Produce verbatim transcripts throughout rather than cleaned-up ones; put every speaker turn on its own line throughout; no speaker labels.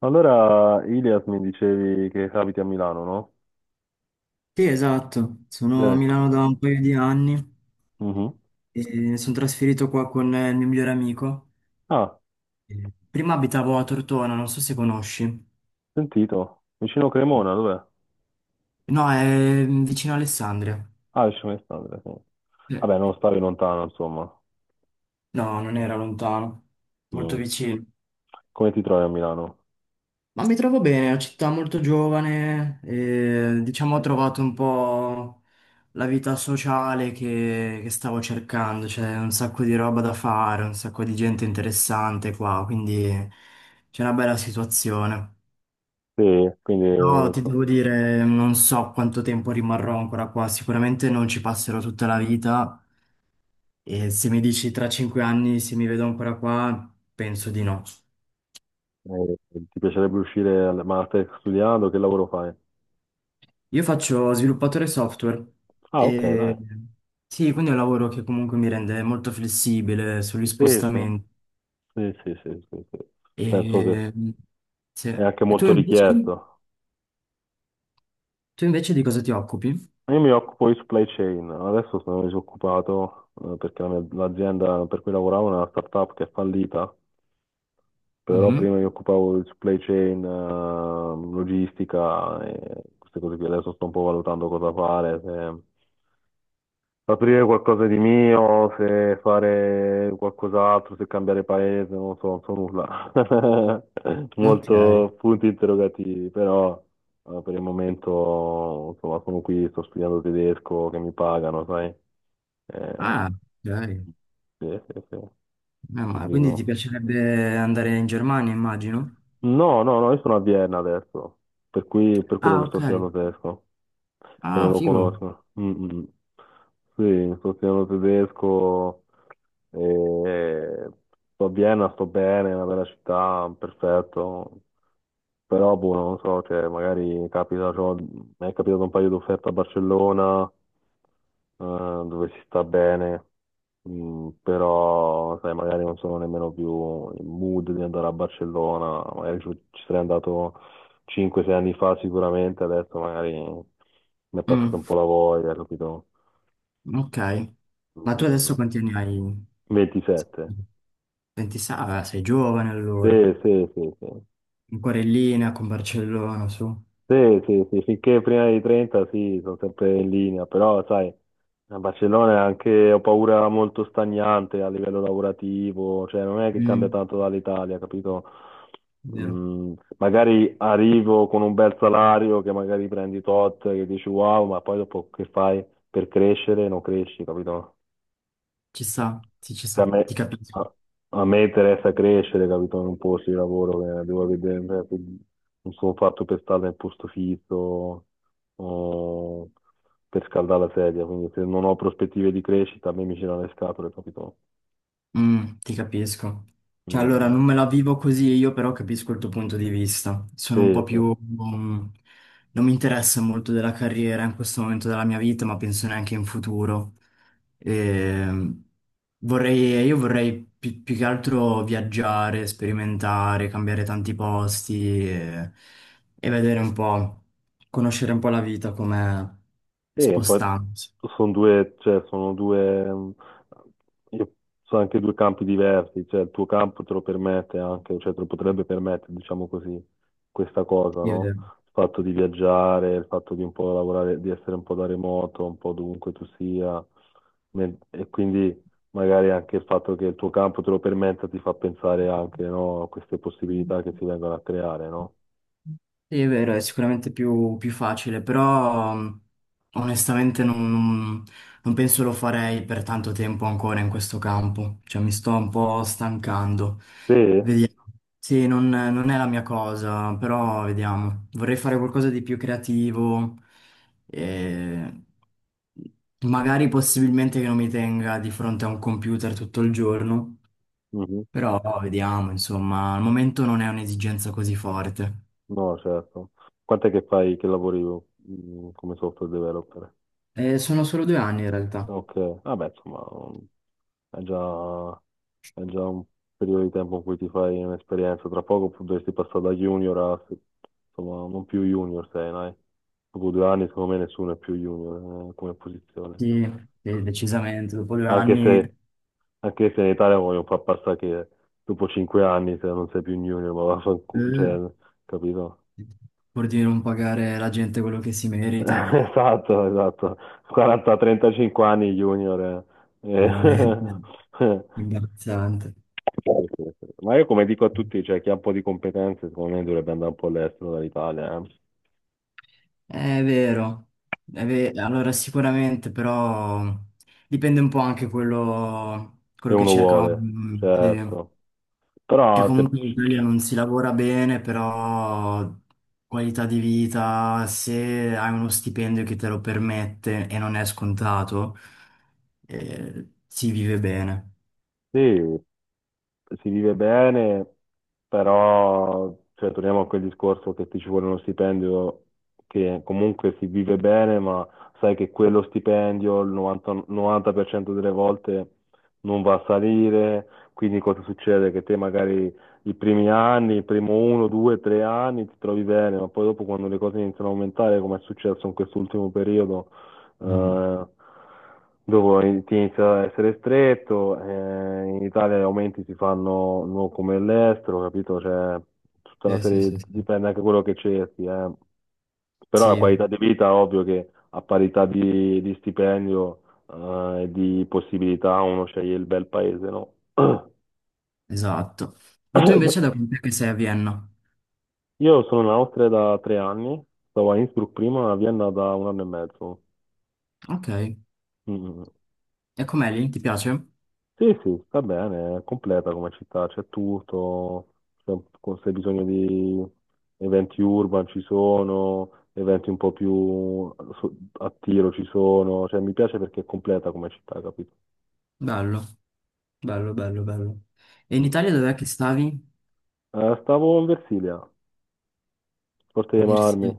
Allora, Ilias mi dicevi che abiti a Milano, no?
Sì, esatto, sono a Milano
Ecco.
da un paio di anni
Mhm.
e mi sono trasferito qua con eh, il mio migliore amico.
Ah,
Eh, Prima abitavo a Tortona, non so se conosci.
sentito. Vicino Cremona, dov'è?
No, è mm, vicino a Alessandria.
Ah, vicino a Alessandria, sì.
Eh,
Vabbè, non stavi lontano, insomma.
No, non era lontano, molto
Mm.
vicino.
Come ti trovi a Milano?
Ma mi trovo bene, è una città molto giovane, e, diciamo ho trovato un po' la vita sociale che, che stavo cercando, c'è un sacco di roba da fare, un sacco di gente interessante qua, quindi c'è una bella situazione.
Sì, quindi
Però ti
insomma,
devo dire, non so quanto tempo rimarrò ancora qua, sicuramente non ci passerò tutta la vita e se mi dici tra cinque anni se mi vedo ancora qua, penso di no.
eh, ti piacerebbe uscire, al- ma stai studiando, che lavoro fai?
Io faccio sviluppatore software
Ah, ok,
e
dai.
sì, quindi è un lavoro che comunque mi rende molto flessibile sugli
Sì, sì,
spostamenti.
sì, sì, sì, sì, sì. Penso che
E, sì.
è anche
E tu
molto
invece,
richiesto.
tu invece di cosa ti occupi?
Io mi occupo di supply chain, adesso sono disoccupato eh, perché la mia- l'azienda per cui lavoravo è una startup che è fallita, però
Mhm.
prima mi occupavo di supply chain, eh, logistica e queste cose qui, adesso sto un po' valutando cosa fare, aprire qualcosa di mio, se fare qualcos'altro, se cambiare paese, non lo so, non so nulla.
Ok.
Molto punti interrogativi, però eh, per il momento, insomma, sono qui, sto studiando tedesco, che mi pagano, sai. Ehm,
Ah, ok.
sì, sì, sì.
Meno male.
Quindi
Quindi ti
no.
piacerebbe andare in Germania, immagino?
No, no, no, io sono a Vienna adesso, per cui per quello
Ah,
che sto
ok.
studiando tedesco, che non
Ah,
lo
figo.
conosco. Mm, mm. Mm. Sì, sto studiando tedesco, e sto a Vienna, sto bene, è una bella città, perfetto, però boh, non so, cioè, magari capita, cioè, mi è capitato un paio di offerte a Barcellona, eh, dove si sta bene, mm, però sai, magari non sono nemmeno più in mood di andare a Barcellona, magari ci, ci sarei andato cinque sei anni fa sicuramente, adesso magari mi è passata
Mm,
un po' la voglia, capito?
ok. Ma tu
Mm,
adesso quanti anni hai?
ventisette.
ventisei? Ah, beh, sei giovane
Sì,
allora.
sì, sì, sì.
Ancora in linea con Barcellona, su.
Sì, sì, sì, finché prima dei trenta sì, sono sempre in linea, però sai, a Barcellona è anche, ho paura, molto stagnante a livello lavorativo, cioè non è che cambia
Mm,
tanto dall'Italia, capito?
vero.
Mm, magari arrivo con un bel salario che magari prendi tot, che dici wow, ma poi dopo che fai per crescere? Non cresci, capito?
Ci sta, sì, ci
a
sta.
me,
Ti capisco.
a- a me interessa crescere, capito? In un posto di lavoro che devo vedere, cioè, quindi non sono fatto per stare nel posto fisso o per scaldare la sedia, quindi se non ho prospettive di crescita, a me mi girano le scatole, capito?
Mm, ti capisco. Cioè, allora,
Mm,
non me la vivo così io, però capisco il tuo punto di vista. Sono un po'
sì, sì.
più, mm, non mi interessa molto della carriera in questo momento della mia vita, ma penso neanche in futuro. Ehm, vorrei, io vorrei pi- più, che altro viaggiare, sperimentare, cambiare tanti posti e, e vedere un po', conoscere un po' la vita come
Sì, un po'
spostandosi.
sono due, cioè, sono due, mh, io- sono anche due campi diversi, cioè il tuo campo te lo permette anche, cioè te lo potrebbe permettere, diciamo così, questa cosa, no? Il fatto di viaggiare, il fatto di un po' lavorare, di essere un po' da remoto, un po' dovunque tu sia, nel- e quindi magari anche il fatto che il tuo campo te lo permetta ti fa pensare anche, no, a queste possibilità che si vengono a creare, no?
Sì, è vero, è sicuramente più, più facile, però mh, onestamente non, non penso lo farei per tanto tempo ancora in questo campo, cioè mi sto un po' stancando.
Sì?
Vediamo. Sì, non, non è la mia cosa, però vediamo. Vorrei fare qualcosa di più creativo, e magari possibilmente che non mi tenga di fronte a un computer tutto il giorno, però vediamo, insomma, al momento non è un'esigenza così forte.
No, certo. Quant'è che fai che lavori mm, come software developer?
Eh, sono solo due anni in realtà,
Ok, vabbè, insomma, mm, è già, è già un periodo di tempo in cui ti fai un'esperienza. Tra poco pu- dovresti passare da junior a, insomma, non più junior sei, dai. Dopo due anni, secondo me, nessuno è più junior, eh, come posizione.
sì, sì, decisamente, dopo due
Anche
anni
se, anche se in Italia vogliono far passare che dopo cinque anni, se non sei più un junior, ma vaffanculo, cioè,
eh,
capito?
pur di non pagare alla gente quello che si merita,
Esatto, esatto. quaranta trentacinque anni junior. eh. Eh,
veramente imbarazzante.
sì, sì, sì. Ma io come dico a tutti, cioè chi ha un po' di competenze, secondo me dovrebbe andare un po' all'estero dall'Italia, eh.
Eh, È vero, è ve- allora sicuramente però dipende un po' anche quello,
Se
quello che
uno
cerca.
vuole,
Mm, sì.
certo.
Che
Però se,
comunque in Italia non si lavora bene, però qualità di vita, se hai uno stipendio che te lo permette e non è scontato, eh, si vive bene.
sì, si vive bene, però cioè, torniamo a quel discorso che ti ci vuole uno stipendio che comunque si vive bene, ma sai che quello stipendio il novanta, novanta per cento delle volte non va a salire, quindi cosa succede? Che te magari i primi anni, il primo uno, due, tre anni ti trovi bene, ma poi dopo quando le cose iniziano a aumentare, come è successo in quest'ultimo periodo,
Mm.
eh, dopo ti inizia ad essere stretto, eh, in Italia gli aumenti si fanno non come all'estero, capito? Cioè, tutta una
Sì, sì,
serie,
sì, sì.
dipende anche da quello che cerchi, eh. Però la qualità
Sì,
di vita, ovvio che a parità di, di stipendio eh, e di possibilità uno sceglie il bel paese, no?
esatto. Ma tu invece da quant'è che sei a Vienna?
Io sono in Austria da tre anni, stavo a Innsbruck prima, a Vienna da un anno e mezzo.
Ok.
Mm. Mm, mm.
E com'è lì? Ti piace?
Sì, sì, sta bene, è completa come città, c'è tutto, se se hai bisogno di eventi urban ci sono, eventi un po' più so- a tiro ci sono, cioè mi piace perché è completa come città, capito?
Bello, bello, bello, bello. E in
Mm.
Italia dov'è che stavi?
Eh, stavo in Versilia, Forte
A
dei Marmi,
Versailles.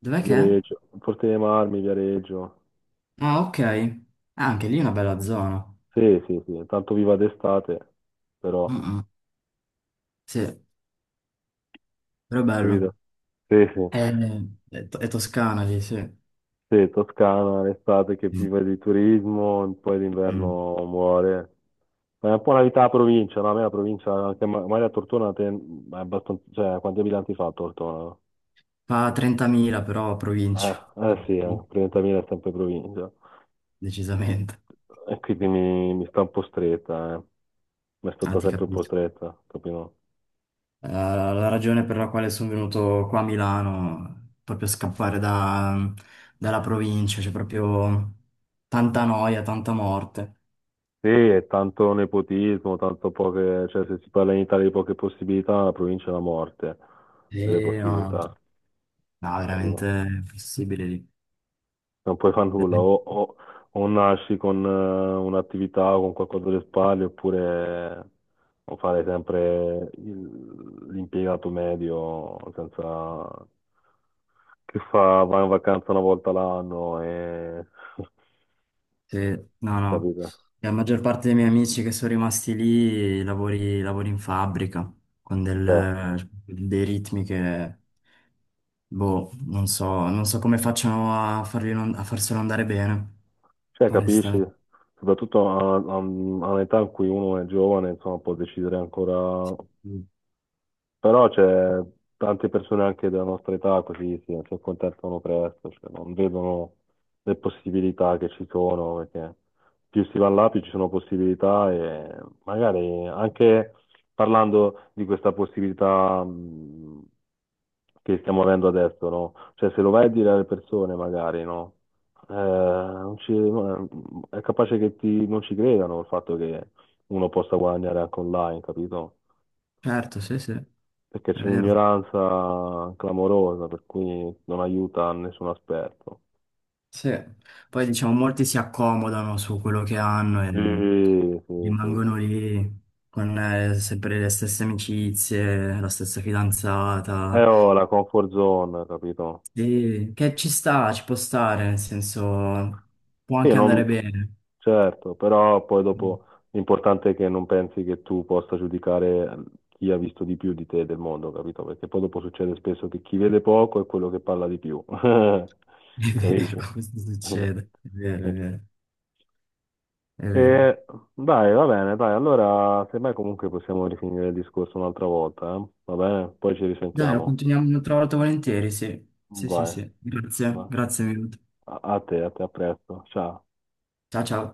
Dov'è che è?
Viareggio, Forte dei Marmi, Viareggio,
Ah, ok. Ah, anche lì è una bella zona.
sì, sì, sì, tanto viva d'estate, però,
Mm, mm. Sì, però è bello.
capito? Sì, sì.
È, Eh, è to- è Toscana lì, sì. Mm,
Sì, Toscana, l'estate che vive di turismo, poi
mm.
d'inverno muore. Ma è un po' una vita a provincia, no? A me la provincia, anche Ma- Maria Tortona, te- è abbastanza, cioè, quanti abitanti fa Tortona?
Fa trentamila però provincia.
Eh,
Eh,
eh sì,
sì,
eh, trentamila è sempre provincia.
decisamente.
E quindi mi, mi sta un po' stretta, eh. Mi è
Ah,
stata
ti
sempre un po'
capisco.
stretta, capito?
Eh, la ragione per la quale sono venuto qua a Milano, proprio scappare da- dalla provincia, c'è proprio tanta noia, tanta morte.
Sì, è tanto nepotismo, tanto poche, cioè se si parla in Italia di poche possibilità, la provincia è la morte delle
E no,
possibilità,
no, veramente
capito?
è impossibile
Non puoi fare nulla,
lì.
o, o- o nasci con eh, un'attività o con qualcosa alle spalle, oppure o fare sempre il- l'impiegato medio senza, che fa, va in vacanza una volta l'anno e
Sì, no, no.
capito?
La maggior parte dei miei amici che sono rimasti lì lavori, lavori in fabbrica con
Cioè,
del- dei ritmi che, boh, non so, non so come facciano a farli non- a farselo andare bene,
cioè, capisci?
onestamente.
Soprattutto a, a- a un'età in cui uno è giovane, insomma, può decidere ancora. Però c'è tante persone anche della nostra età così sì, si accontentano presto, cioè non vedono le possibilità che ci sono, perché più si va là, più ci sono possibilità e magari anche parlando di questa possibilità mh, che stiamo avendo adesso, no? Cioè se lo vai a dire alle persone magari, no? Eh, non ci- No, è capace che ti- non ci credano il fatto che uno possa guadagnare anche online, capito?
Certo, sì, sì,
Perché
è
c'è
vero.
un'ignoranza clamorosa, per cui non aiuta nessun aspetto.
Sì. Poi diciamo, molti si accomodano su quello che hanno
Sì,
e
sì, sì, sì.
rimangono lì con eh, sempre le stesse amicizie, la stessa
Eh,
fidanzata.
oh, la comfort zone, capito?
Sì, che ci sta, ci può stare, nel senso può
Sì,
anche andare
non.
bene.
Certo, però poi
Mm.
dopo l'importante è che non pensi che tu possa giudicare chi ha visto di più di te del mondo, capito? Perché poi dopo succede spesso che chi vede poco è quello che parla di più.
È
Capisci?
vero, questo succede. È vero, è vero, è
E
vero.
dai, va bene, dai, allora semmai comunque possiamo rifinire il discorso un'altra volta, eh? Va bene? Poi ci
Dai, lo
risentiamo.
continuiamo un'altra volta volentieri, sì. Sì, sì,
Vai,
sì. Grazie,
vai.
grazie mille.
A a te, a te, a presto. Ciao.
Ciao, ciao.